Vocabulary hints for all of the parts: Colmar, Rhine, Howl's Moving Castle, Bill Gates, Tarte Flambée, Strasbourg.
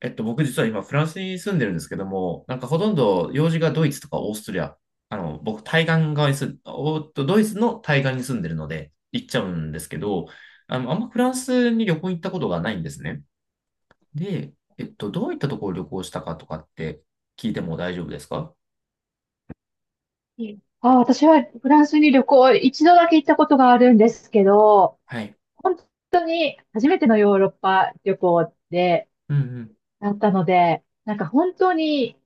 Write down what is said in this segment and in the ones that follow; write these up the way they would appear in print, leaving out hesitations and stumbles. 僕実は今フランスに住んでるんですけども、なんかほとんど用事がドイツとかオーストリア、あの、僕対岸側に住ん、おっと、ドイツの対岸に住んでるので行っちゃうんですけど、あんまフランスに旅行行ったことがないんですね。で、どういったところを旅行したかとかって聞いても大丈夫ですか？あ、私はフランスに旅行、一度だけ行ったことがあるんですけど、はい。本当に初めてのヨーロッパ旅行で、うんうん。だったので、なんか本当に、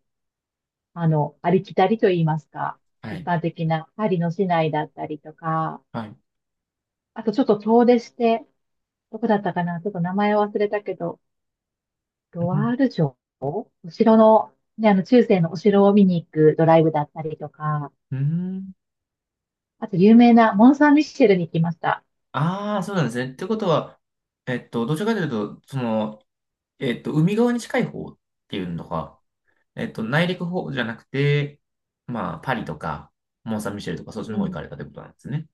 ありきたりと言いますか、は一い。般的なパリの市内だったりとか、はい。あとちょっと遠出して、どこだったかな、ちょっと名前忘れたけど、ロうワん。ール城、お城の、ね、中世のお城を見に行くドライブだったりとか、うん。あと有名なモン・サン・ミッシェルに行きました。ああ、そうなんですね。ってことは、どちらかというと、海側に近い方っていうのが、内陸方じゃなくて、まあ、パリとか、モン・サン・ミシェルとか、そっちうの方行かん。れたってことなんですね。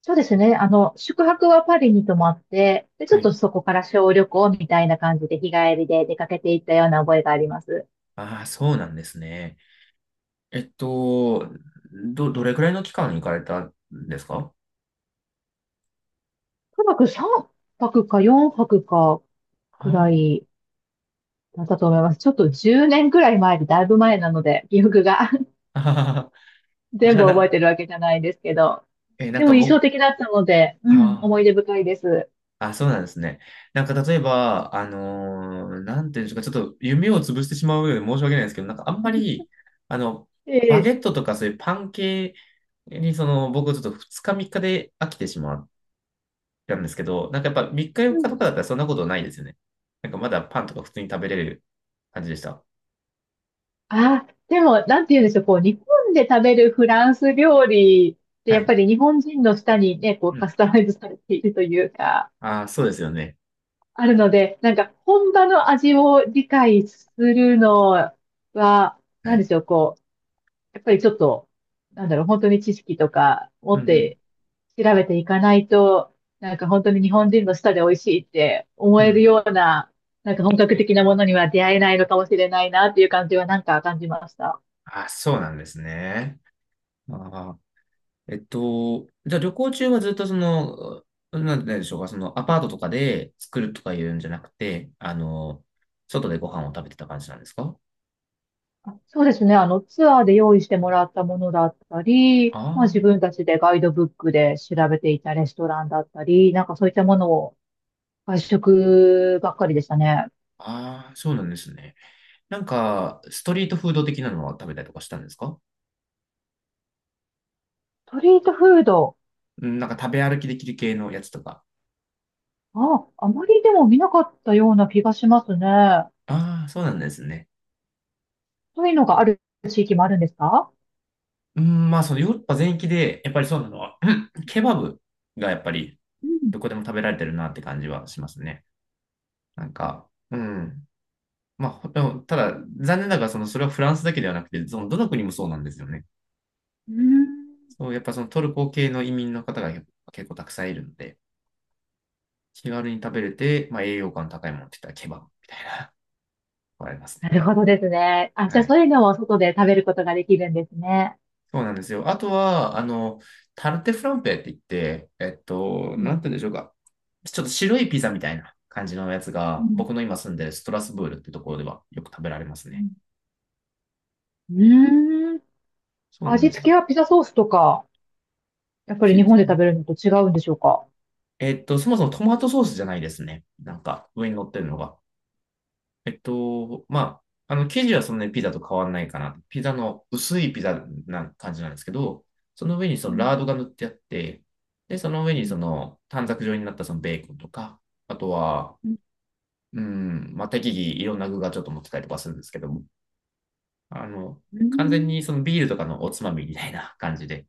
そうですね。宿泊はパリに泊まって、で、ちょはっとい。そこから小旅行みたいな感じで日帰りで出かけていったような覚えがあります。ああ、そうなんですね。えっと、どれくらいの期間行かれたんですか？とにかく3泊か4泊かあくらあ、いだったと思います。ちょっと10年くらい前でだいぶ前なので、記憶が あー じ全ゃ部あ覚えな、てるわけじゃないんですけど。なんでかも印象僕、的だったので、うあん、ー思い出深いです。あ、そうなんですね。なんか例えば、なんていうんでしょうか、ちょっと夢を潰してしまうようで申し訳ないんですけど、なんかあんま り、あの、バゲええ。ットとかそういうパン系に、僕ちょっと2日3日で飽きてしまっなんですけど、なんかやっぱ3日4日とかだったらそんなことないですよね。なんかまだパンとか普通に食べれる感じでした。あ、でも、なんて言うんでしょう、こう、日本で食べるフランス料理って、はやっい。ぱり日本人の舌にね、こう、うカん。スタマイズされているというか、ああ、そうですよね。あるので、なんか、本場の味を理解するのは、はなんでい。しょう、こう、やっぱりちょっと、なんだろう、本当に知識とかう持っんて調べていかないと、なんか本当に日本人の舌で美味しいって思うん。うえるん。ような、なんか本格的なものには出会えないのかもしれないなっていう感じはなんか感じました。ああ、そうなんですね。ああ。じゃあ旅行中はずっとなんでしょうか、そのアパートとかで作るとかいうんじゃなくて、外でご飯を食べてた感じなんですか？あ、そうですね。ツアーで用意してもらったものだったり、まああ自分たちでガイドブックで調べていたレストランだったり、なんかそういったものを外食ばっかりでしたね。あ、ああ、そうなんですね。なんか、ストリートフード的なのは食べたりとかしたんですか？ストリートフード、うん、なんか食べ歩きできる系のやつとか。あ、あまりでも見なかったような気がしますね。ああ、そうなんですね。そういうのがある地域もあるんですか？うん、まあ、そのヨーロッパ全域で、やっぱりそうなのは、うん、ケバブがやっぱりうん、どこでも食べられてるなって感じはしますね。なんか、うん。まあ、ほでもただ、残念ながら、その、それはフランスだけではなくて、その、どの国もそうなんですよね。うーん。そう、やっぱそのトルコ系の移民の方が結構たくさんいるので、気軽に食べれて、まあ、栄養価の高いものって言ったらケバブみたいな、これありますなね。るほどですね。あ、じはゃあい。そういうのを外で食べることができるんですね。そうなんですよ。あとは、タルテフランペって言って、うなん、んて言うんでしょうか。ちょっと白いピザみたいな感じのやつうが、ん、僕の今住んでるストラスブールってところではよく食べられますね。うん、うーん。そうなん味で付す。けはピザソースとかやっぱり日ピザ。本で食べるのと違うんでしょうか？そもそもトマトソースじゃないですね。なんか、上に乗ってるのが。まあ、生地はそんなにピザと変わんないかな。ピザの薄いピザな感じなんですけど、その上にそうのラーん、ドが塗ってあって、で、その上うにそん、の短冊状になったそのベーコンとか、あとは、うん、うん、まあ、適宜いろんな具がちょっと持ってたりとかするんですけども、あの、う完全ん。にそのビールとかのおつまみみたいな感じで、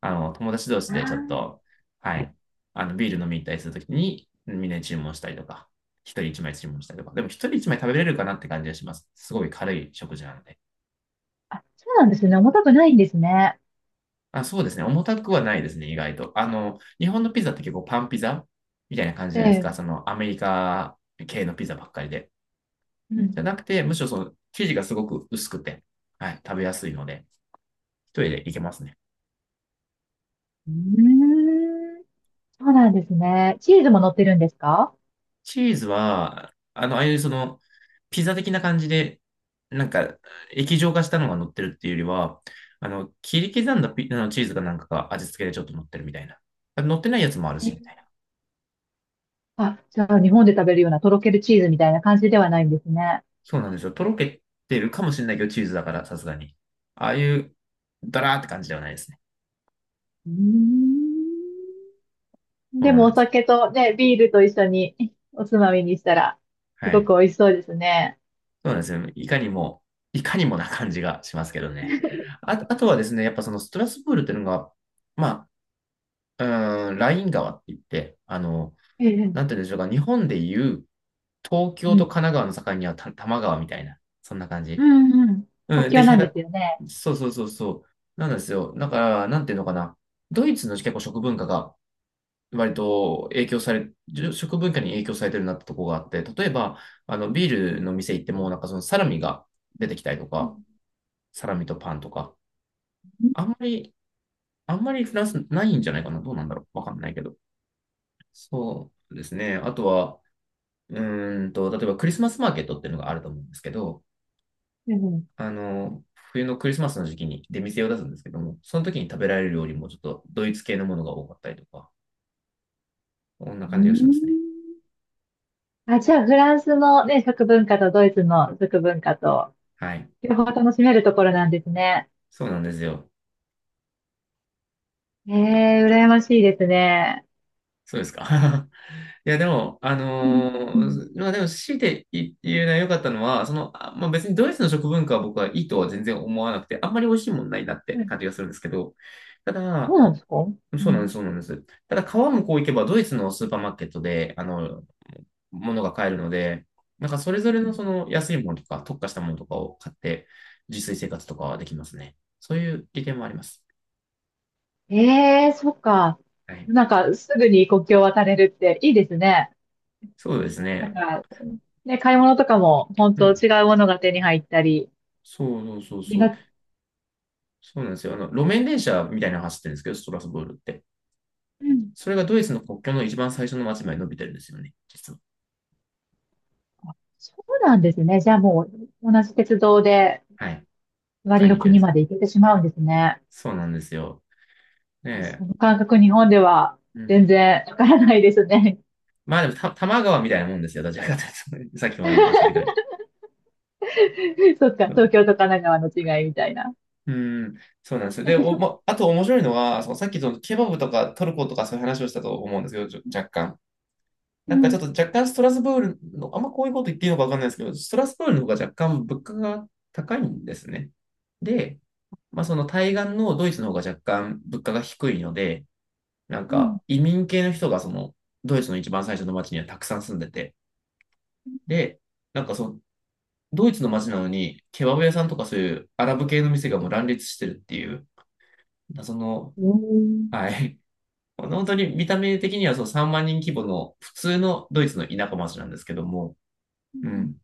友達同士でちょっあと、はい、ビール飲み行ったりするときに、みんなに注文したりとか、一人一枚注文したりとか、でも一人一枚食べれるかなって感じがします。すごい軽い食事なので。あ、あ、そうなんですね。重たくないんですね。あ、そうですね。重たくはないですね、意外と。日本のピザって結構パンピザみたいな感じじえゃないですか。え、そのアメリカ系のピザばっかりで。うじゃん。なくて、むしろその生地がすごく薄くて、はい、食べやすいので、一人でいけますね。うーん、そうなんですね。チーズも乗ってるんですか？チーズは、ああいうその、ピザ的な感じで、なんか、液状化したのが乗ってるっていうよりは、切り刻んだピあのチーズがなんかが味付けでちょっと乗ってるみたいな。乗ってないやつもあるえし、みえ。たいな。あ、じゃあ日本で食べるようなとろけるチーズみたいな感じではないんですね。そうなんですよ。とろけてるかもしれないけど、チーズだから、さすがに。ああいう、ダラーって感じではないですね。うーん、そうでなもんでおす。酒とね、ビールと一緒におつまみにしたら、すはごい。く美味しそうですね。そうなんですよ。いかにも、いかにもな感じがしますけどね。あ、あとはですね、やっぱそのストラスブールっていうのが、まあ、ライン川って言って、ええ、なんて言うんでしょうか、日本でいう東う京とん。神奈川の境には多摩川みたいな、そんな感うじ。ん、うん。国うん、で、境なんですよね。そうそうそうそう。なんですよ。だから、なんていうのかな。ドイツの結構食文化が割と影響され、食文化に影響されてるなってとこがあって、例えば、ビールの店行っても、なんかそのサラミが出てきたりとうか、ん、サラミとパンとか。あんまり、あんまりフランスないんじゃないかな。どうなんだろう。わかんないけど。そうですね。あとは、例えばクリスマスマーケットっていうのがあると思うんですけど、うん、あの、冬のクリスマスの時期に出店を出すんですけども、その時に食べられる料理もちょっとドイツ系のものが多かったりとか、こんなうー感じがしまん。すね。あ、じゃあ、フランスのね、食文化とドイツの食文化と、はい。両方楽しめるところなんですね。そうなんですよ。ええ、羨ましいですね。そうですか。いや、でも、うん、うん、まあでも、強いて言うのは良かったのは、まあ別にドイツの食文化は僕はいいとは全然思わなくて、あんまり美味しいもんないなっうてん。感じがするんですけど、たそだ、うなんですか？うそうなんです、ん、そうなんです。ただ、川向こう行けばドイツのスーパーマーケットで、物が買えるので、なんかそれぞうれのそん。の安いものとか、特化したものとかを買って、自炊生活とかはできますね。そういう利点もあります。ええ、そっか。はい。なんか、すぐに国境を渡れるっていいですね。そうですなんね。か、ね、買い物とかも、本う当ん。違うものが手に入ったり、そうそうそう気そう。が。そうなんですよ。路面電車みたいなの走ってるんですけど、ストラスブールって。うん。それがドイツの国境の一番最初の街まで伸びてるんですよね、実は。あ、そうなんですね。じゃあもう、同じ鉄道で、はい。隣買いのに行けるん国です。まで行けてしまうんですね。そうなんですよ。あ、そねの感覚日本ではえ。うん。全然わからないですね。まあでも多摩川みたいなもんですよ、どちらかというと。さっきも言いました けど。そっか、う東ん、京と神奈川の違いみたいな。うん、そうなんですよ。で、まあと面白いのは、そのさっきそのケバブとかトルコとかそういう話をしたと思うんですけど、若干。うなんかちょっん。と若干ストラスブールの、あんまこういうこと言っていいのかわかんないですけど、ストラスブールの方が若干物価が高いんですね。で、まあその対岸のドイツの方が若干物価が低いので、なんうかん。移民系の人がそのドイツの一番最初の町にはたくさん住んでて、で、なんかそのドイツの町なのにケバブ屋さんとかそういうアラブ系の店がもう乱立してるっていう、その、うん。はい。本当に見た目的にはその3万人規模の普通のドイツの田舎町なんですけども、うん。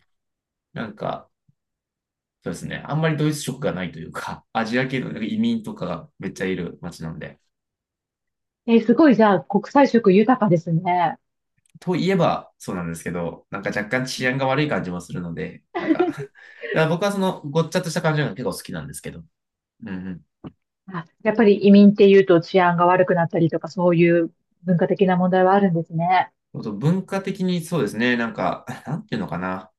なんか、そうですね。あんまりドイツ色がないというか、アジア系のなんか移民とかがめっちゃいる街なんで。えー、すごい、じゃあ、国際色豊かですね。といえばそうなんですけど、なんか若干治安が悪い感じもするので、なんか だから僕はそのごっちゃっとした感じが結構好きなんですけど。うんうん。あ、やっぱり移民っていうと治安が悪くなったりとか、そういう文化的な問題はあるんですね。あと文化的にそうですね。なんか、なんていうのかな。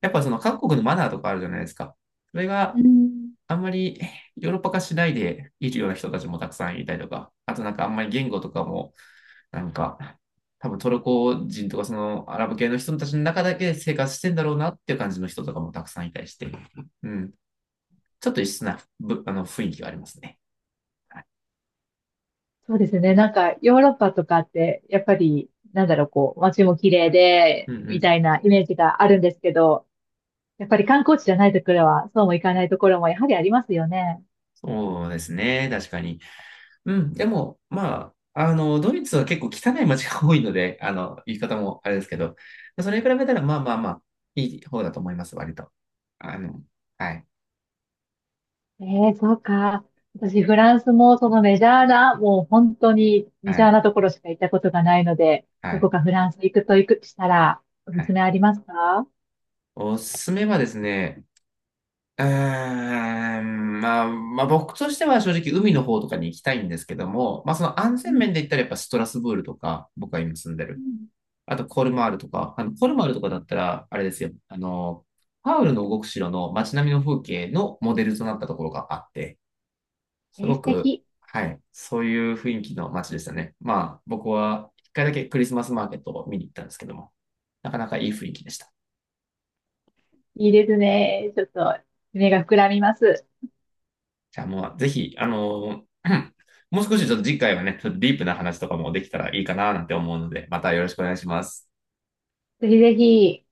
やっぱその各国のマナーとかあるじゃないですか。それうがん。あんまりヨーロッパ化しないでいるような人たちもたくさんいたりとか、あとなんかあんまり言語とかもなんか、多分トルコ人とかそのアラブ系の人たちの中だけ生活してんだろうなっていう感じの人とかもたくさんいたりして、うん。ちょっと異質なぶあの雰囲気がありますね。そうですね。なんか、ヨーロッパとかって、やっぱり、なんだろう、こう、街も綺麗うで、んうみたん。いなイメージがあるんですけど、やっぱり観光地じゃないところは、そうもいかないところもやはりありますよね。そうですね。確かに。うん。でも、まあ、ドイツは結構汚い街が多いので、言い方もあれですけど、それに比べたら、まあまあまあ、いい方だと思います、割と。あの、はい、ええ、そうか。私、フランスもそのメジャーな、もう本当にはメジャーい、なところしか行ったことがないので、はどこい、かフランス行くと行くしたら、おはすすい。めありますか？おすすめはですね、まあ、まあ僕としては正直海の方とかに行きたいんですけども、まあその安う全ん、面で言ったらやっぱストラスブールとか、僕が今住んでうる。ん。あとコルマールとか、あのコルマールとかだったら、あれですよ、パウルの動く城の街並みの風景のモデルとなったところがあって、えすー、ご素く、敵。はい、そういう雰囲気の街でしたね。まあ僕は一回だけクリスマスマーケットを見に行ったんですけども、なかなかいい雰囲気でした。いいですね。ちょっと、夢が膨らみます。じゃあもう、ぜひ、もう少しちょっと次回はね、ちょっとディープな話とかもできたらいいかななんて思うので、またよろしくお願いします。ぜひぜひ。